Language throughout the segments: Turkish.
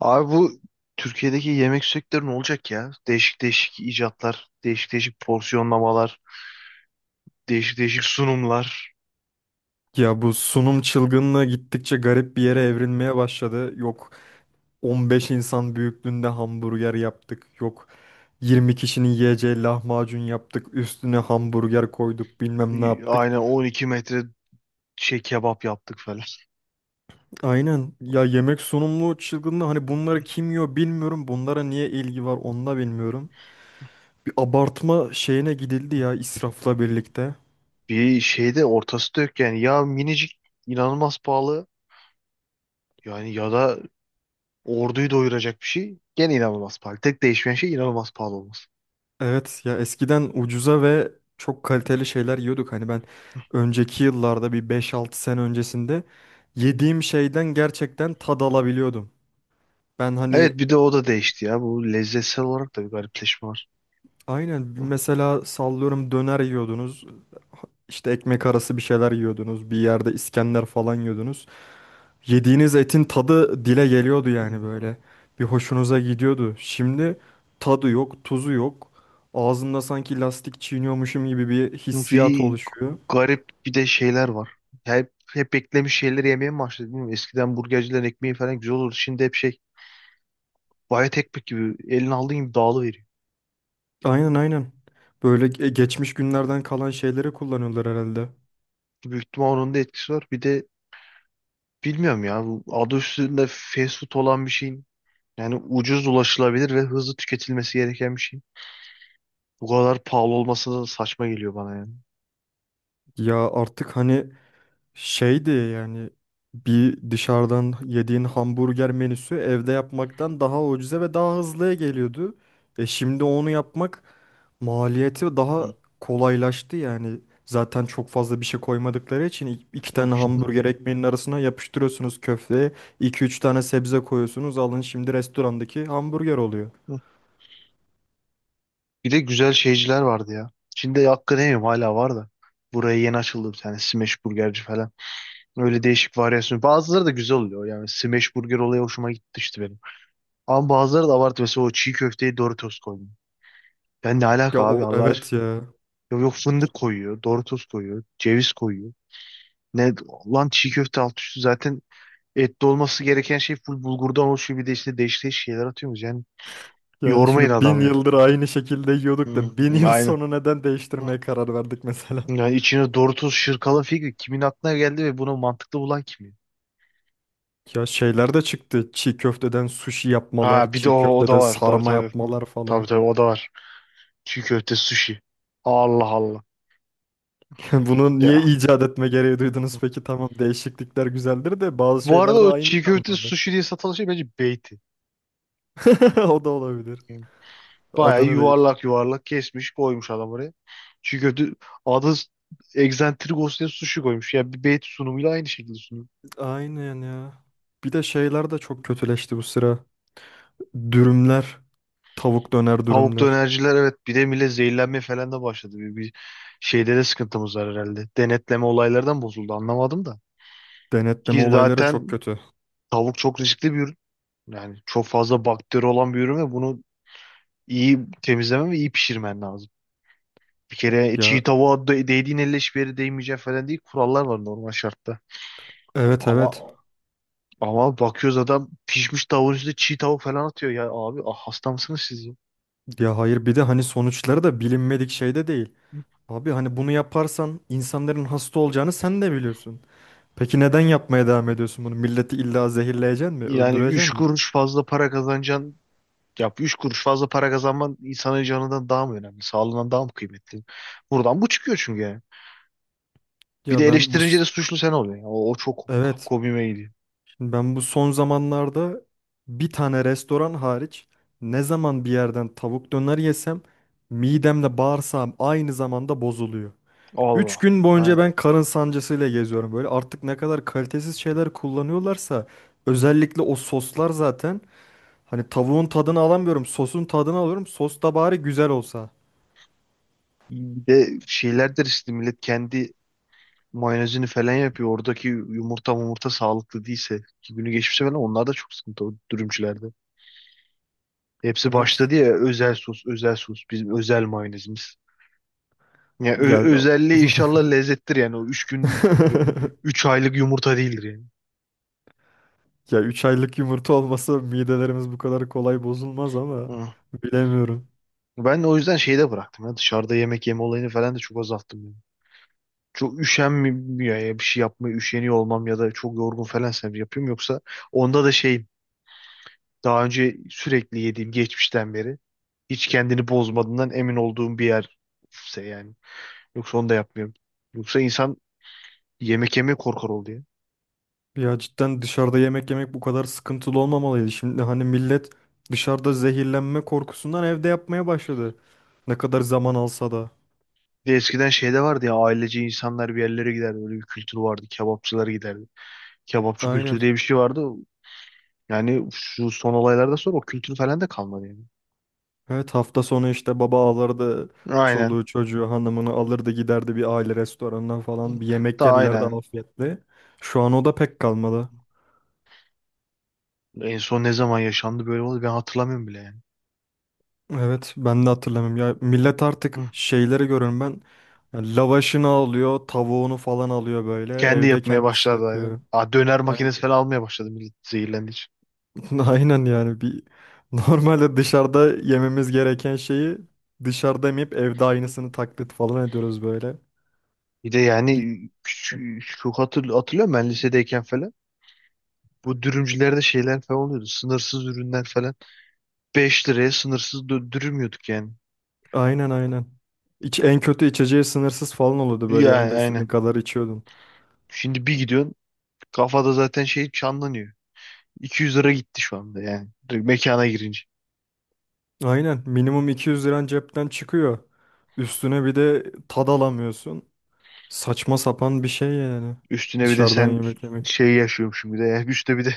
Abi bu Türkiye'deki yemek sektörü ne olacak ya? Değişik değişik icatlar, değişik değişik porsiyonlamalar, değişik değişik sunumlar. Ya bu sunum çılgınlığı gittikçe garip bir yere Hı. evrilmeye başladı. Yok 15 insan büyüklüğünde hamburger yaptık. Yok 20 kişinin yiyeceği lahmacun yaptık. Üstüne hamburger koyduk bilmem ne yaptık. Aynen 12 metre şey kebap yaptık falan. Aynen ya yemek sunumlu çılgınlığı hani bunları kim yiyor bilmiyorum. Bunlara niye ilgi var onu da bilmiyorum. Bir abartma şeyine gidildi ya israfla birlikte. Bir şeyde ortası da yok yani. Ya minicik inanılmaz pahalı yani ya da orduyu doyuracak bir şey gene inanılmaz pahalı. Tek değişmeyen şey inanılmaz pahalı olması. Evet ya eskiden ucuza ve çok kaliteli şeyler yiyorduk. Hani ben önceki yıllarda bir beş altı sene öncesinde yediğim şeyden gerçekten tad alabiliyordum. Ben hani Evet bir de o da değişti ya. Bu lezzetsel olarak da bir garipleşme var. aynen mesela sallıyorum döner yiyordunuz, işte ekmek arası bir şeyler yiyordunuz, bir yerde İskender falan yiyordunuz. Yediğiniz etin tadı dile geliyordu Hı. yani böyle. Bir hoşunuza gidiyordu. Şimdi tadı yok, tuzu yok. Ağzımda sanki lastik çiğniyormuşum gibi bir hissiyat Bir oluşuyor. garip bir de şeyler var. Hep beklemiş şeyleri yemeye mi başladı bilmiyorum. Eskiden burgercilerin ekmeği falan güzel olurdu. Şimdi hep şey bayat ekmek gibi elini aldığın gibi dağılıveriyor. Aynen aynen. Böyle geçmiş günlerden kalan şeyleri kullanıyorlar herhalde. Büyük ihtimal onun da etkisi var. Bir de bilmiyorum ya bu adı üstünde fast food olan bir şeyin yani ucuz, ulaşılabilir ve hızlı tüketilmesi gereken bir şeyin bu kadar pahalı olması da saçma geliyor bana yani. Ya artık hani şeydi yani bir dışarıdan yediğin hamburger menüsü evde yapmaktan daha ucuza ve daha hızlıya geliyordu. E şimdi onu yapmak maliyeti daha kolaylaştı yani. Zaten çok fazla bir şey koymadıkları için iki tane hamburger ekmeğinin arasına yapıştırıyorsunuz köfteye. İki üç tane sebze koyuyorsunuz. Alın şimdi restorandaki hamburger oluyor. Bir de güzel şeyciler vardı ya. Şimdi hakkı yemiyorum, hala var da. Buraya yeni açıldı bir tane Smash Burgerci falan. Öyle değişik varyasyon. Bazıları da güzel oluyor. Yani smash burger olayı hoşuma gitti işte benim. Ama bazıları da abartı. Mesela o çiğ köfteye Doritos koyuyor. Ben ne Ya alaka abi, o Allah aşkına. evet ya. Yok, yok fındık koyuyor, Doritos koyuyor, ceviz koyuyor. Ne lan, çiğ köfte alt üstü zaten etli olması gereken şey full bulgurdan oluşuyor. Bir de işte değişik değişik şeyler atıyoruz. Yani Yani yormayın şunu bin adam ya. yıldır aynı şekilde Hı, yiyorduk da bin hı, yıl aynen. sonra neden değiştirmeye karar verdik mesela? Yani içine Doritos şırkalı fikri kimin aklına geldi ve bunu mantıklı bulan kim? Ya şeyler de çıktı. Çiğ köfteden sushi yapmalar, Ha bir de o, çiğ o da köfteden var. Tabii sarma tabii. Hı. yapmalar Tabii falan. tabii o da var. Çiğ köfte sushi. Allah Allah. Yani bunu niye Ya. icat etme gereği duydunuz peki? Tamam değişiklikler güzeldir de bazı Bu arada şeyler de o aynı çiğ köfte kalmadı. sushi diye satılan şey bence beyti. O da olabilir. Yani bayağı Adını değiştir. yuvarlak yuvarlak kesmiş koymuş adam oraya. Çiğ köfte adı egzantrik olsun diye sushi koymuş. Ya bir beyti sunumuyla aynı şekilde sunuyor. Aynen ya. Bir de şeyler de çok kötüleşti bu sıra. Dürümler, tavuk döner Tavuk dürümler. dönerciler, evet, bir de millet zehirlenmeye falan da başladı. Bir şeyde de sıkıntımız var herhalde. Denetleme olaylardan bozuldu, anlamadım da. Denetleme Ki olayları çok zaten kötü. tavuk çok riskli bir ürün. Yani çok fazla bakteri olan bir ürün ve bunu iyi temizlemen ve iyi pişirmen lazım. Bir kere Ya çiğ tavuğa değdiğin elle hiçbir yere değmeyecek falan değil. Kurallar var normal şartta. evet evet. Ama bakıyoruz adam pişmiş tavuğun üstüne çiğ tavuk falan atıyor. Ya abi, ah, hasta mısınız siz ya? Ya hayır bir de hani sonuçları da bilinmedik şey de değil. Abi hani bunu yaparsan insanların hasta olacağını sen de biliyorsun. Peki neden yapmaya devam ediyorsun bunu? Milleti illa zehirleyecek mi? Yani Öldürecek 3 mi? kuruş fazla para kazanacaksın. Ya 3 kuruş fazla para kazanman insanın canından daha mı önemli? Sağlığından daha mı kıymetli? Buradan bu çıkıyor çünkü yani. Bir de Ya ben bu eleştirince s- de suçlu sen oluyorsun. Ya. O çok evet, komiğime gidiyor. şimdi ben bu son zamanlarda bir tane restoran hariç ne zaman bir yerden tavuk döner yesem midemle bağırsağım aynı zamanda bozuluyor. 3 Allah. gün boyunca Aynen. ben karın sancısıyla geziyorum. Böyle artık ne kadar kalitesiz şeyler kullanıyorlarsa özellikle o soslar zaten. Hani tavuğun tadını alamıyorum. Sosun tadını alıyorum. Sos da bari güzel olsa. Bir de şeyler de riskli, millet kendi mayonezini falan yapıyor. Oradaki yumurta sağlıklı değilse, ki günü geçmişse falan, onlar da çok sıkıntı o dürümcülerde. Hepsi Evet. başladı ya, özel sos, özel sos, bizim özel mayonezimiz. Ya Ya özelliği inşallah lezzettir yani, o 3 gün 3 aylık yumurta değildir yani. ya 3 aylık yumurta olmasa midelerimiz bu kadar kolay bozulmaz ama Hı. bilemiyorum. Ben de o yüzden şeyi de bıraktım ya, dışarıda yemek yeme olayını falan da çok azalttım yani. Çok üşenmiyor ya, bir şey yapmaya üşeniyor olmam ya da çok yorgun falansa yapıyorum, yoksa onda da şey, daha önce sürekli yediğim, geçmişten beri hiç kendini bozmadığından emin olduğum bir yerse yani. Yoksa onu da yapmıyorum. Yoksa insan yemek yemeye korkar oldu ya. Ya cidden dışarıda yemek yemek bu kadar sıkıntılı olmamalıydı. Şimdi hani millet dışarıda zehirlenme korkusundan evde yapmaya başladı. Ne kadar zaman alsa da. Bir de eskiden şeyde vardı ya, ailece insanlar bir yerlere giderdi. Öyle bir kültür vardı. Kebapçılara giderdi. Kebapçı kültürü Aynen. diye bir şey vardı. Yani şu son olaylardan sonra o kültür falan da kalmadı yani. Evet hafta sonu işte baba alırdı Aynen. çoluğu çocuğu hanımını alırdı giderdi bir aile restoranına falan bir yemek Da yerlerdi aynen. afiyetle. Şu an o da pek kalmadı. En son ne zaman yaşandı böyle oldu, ben hatırlamıyorum bile yani. Evet ben de hatırlamıyorum ya millet artık Hı. şeyleri görüyorum ben ya lavaşını alıyor tavuğunu falan alıyor böyle Kendi evde yapmaya kendisi başladı yapıyor. aynen. Aa, döner Aynen, makinesi falan almaya başladı millet, zehirlendi. aynen yani bir normalde dışarıda yememiz gereken şeyi dışarıda yemeyip evde aynısını taklit falan ediyoruz böyle. Bir de yani küçük, çok hatırlıyorum ben lisedeyken falan. Bu dürümcülerde şeyler falan oluyordu. Sınırsız ürünler falan. 5 liraya sınırsız dürüm yiyorduk yani. Aynen aynen. İç, en kötü içeceği sınırsız falan oluyordu böyle Yani yanında istediğin aynen. kadar içiyordun. Şimdi bir gidiyorsun, kafada zaten şey çanlanıyor. 200 lira gitti şu anda yani. Direkt mekana girince. Aynen minimum 200 liran cepten çıkıyor. Üstüne bir de tad alamıyorsun. Saçma sapan bir şey yani. Üstüne bir de Dışarıdan sen yemek yemek. şey yaşıyormuşum bir de. Ya. Üstüne bir de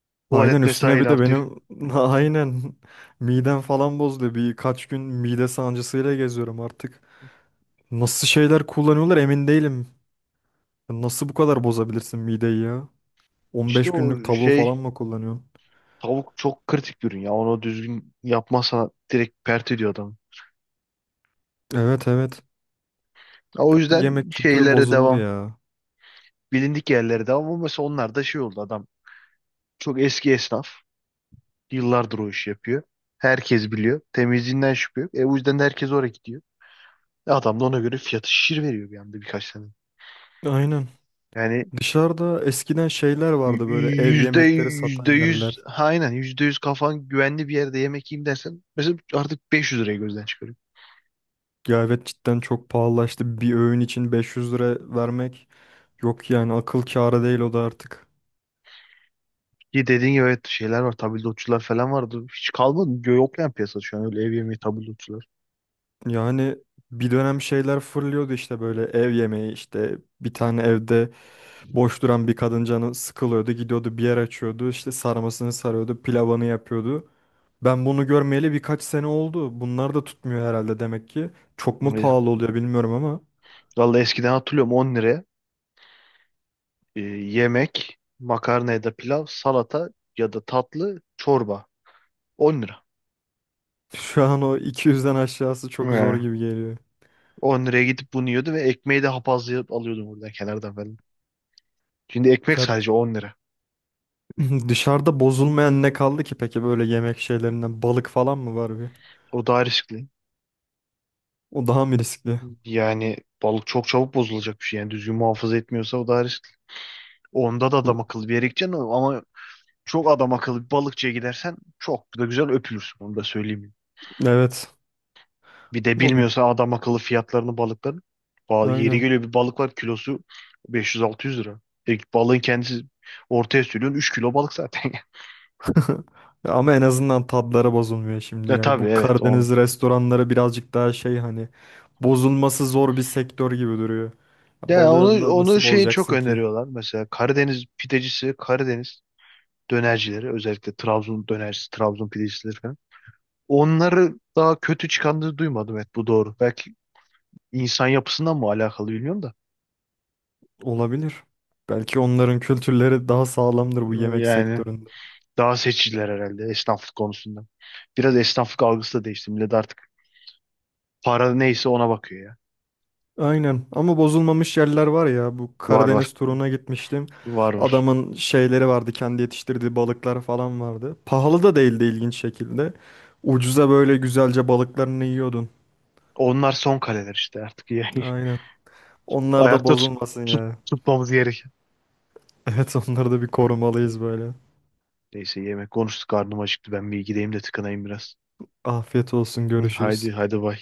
Aynen tuvalet üstüne mesain bir de artıyor. benim aynen midem falan bozdu. Birkaç gün mide sancısıyla geziyorum artık. Nasıl şeyler kullanıyorlar emin değilim. Nasıl bu kadar bozabilirsin mideyi ya? İşte 15 günlük o tavuğu şey, falan mı kullanıyorsun? tavuk çok kritik bir ürün ya. Onu düzgün yapmazsan direkt pert ediyor adamı. Evet evet. O Bu yüzden yemek kültürü şeylere bozuldu devam. ya. Bilindik yerlerde, ama mesela onlar da şey oldu, adam çok eski esnaf, yıllardır o işi yapıyor. Herkes biliyor. Temizliğinden şüphe yok. E o yüzden de herkes oraya gidiyor. E, adam da ona göre fiyatı şişir veriyor bir anda birkaç tane. Aynen. Yani Dışarıda eskiden şeyler y- vardı böyle y- ev yüzde yemekleri satan yüzde yüz, yerler. ha, aynen yüzde yüz kafan güvenli bir yerde yemek yiyeyim dersen mesela, artık 500 liraya gözden çıkarıyor. Ya evet cidden çok pahalılaştı. Bir öğün için 500 lira vermek yok yani akıl kârı değil o da artık. Ki dediğin gibi, evet, şeyler var, tabildotçular falan vardı. Hiç kalmadı. Yok yani piyasada şu an öyle ev yemeği tabildotçular. Yani bir dönem şeyler fırlıyordu işte böyle ev yemeği işte bir tane evde boş duran bir kadın canı sıkılıyordu gidiyordu bir yer açıyordu işte sarmasını sarıyordu pilavını yapıyordu. Ben bunu görmeyeli birkaç sene oldu. Bunlar da tutmuyor herhalde demek ki. Çok mu Öyle. pahalı oluyor bilmiyorum ama Vallahi eskiden hatırlıyorum, 10 liraya yemek, makarna ya da pilav, salata ya da tatlı, çorba. 10 lira. şu an o 200'den aşağısı çok He. zor gibi geliyor. 10 liraya gidip bunu yiyordum ve ekmeği de hapazlayıp alıyordum oradan kenardan falan. Şimdi ekmek Ya sadece 10 lira. dışarıda bozulmayan ne kaldı ki peki böyle yemek şeylerinden balık falan mı var bir? O daha riskli. O daha mı riskli? Yani balık çok çabuk bozulacak bir şey. Yani düzgün muhafaza etmiyorsa o daha riskli. Onda da adam Bu, akıllı bir yere gideceksin ama çok adam akıllı bir balıkçıya gidersen çok da güzel öpülürsün. Onu da söyleyeyim. evet. Bir de Ama bu bilmiyorsa adam akıllı fiyatlarını balıkların. Yeri aynen. geliyor, bir balık var, kilosu 500-600 lira. E, balığın kendisi, ortaya sürüyorsun 3 kilo balık zaten. Ama en azından tadları bozulmuyor şimdi Ya ya. tabii, Bu evet, Karadeniz onun. restoranları birazcık daha şey hani bozulması zor bir sektör gibi duruyor. Ya Balığı onu onu nasıl şey çok bozacaksın ki? öneriyorlar. Mesela Karadeniz pidecisi, Karadeniz dönercileri, özellikle Trabzon dönercisi, Trabzon pidecisileri falan. Onları daha kötü çıkandığını duymadım, evet, bu doğru. Belki insan yapısından mı alakalı, bilmiyorum da. Olabilir. Belki onların kültürleri daha sağlamdır bu yemek Yani sektöründe. daha seçiciler herhalde esnaflık konusunda. Biraz esnaflık algısı da değişti. Millet artık para neyse ona bakıyor ya. Aynen ama bozulmamış yerler var ya bu Var var. Karadeniz turuna gitmiştim. Var var. Adamın şeyleri vardı kendi yetiştirdiği balıklar falan vardı. Pahalı da değildi ilginç şekilde. Ucuza böyle güzelce balıklarını yiyordun. Onlar son kaleler işte artık. Yani Aynen. Onlar da ayakta bozulmasın tut, ya. tutmamız gerek. Evet onları da bir Hı. korumalıyız böyle. Neyse, yemek konuştuk. Karnım acıktı. Ben bir gideyim de tıkanayım biraz. Afiyet olsun Hı, görüşürüz. haydi haydi, bay.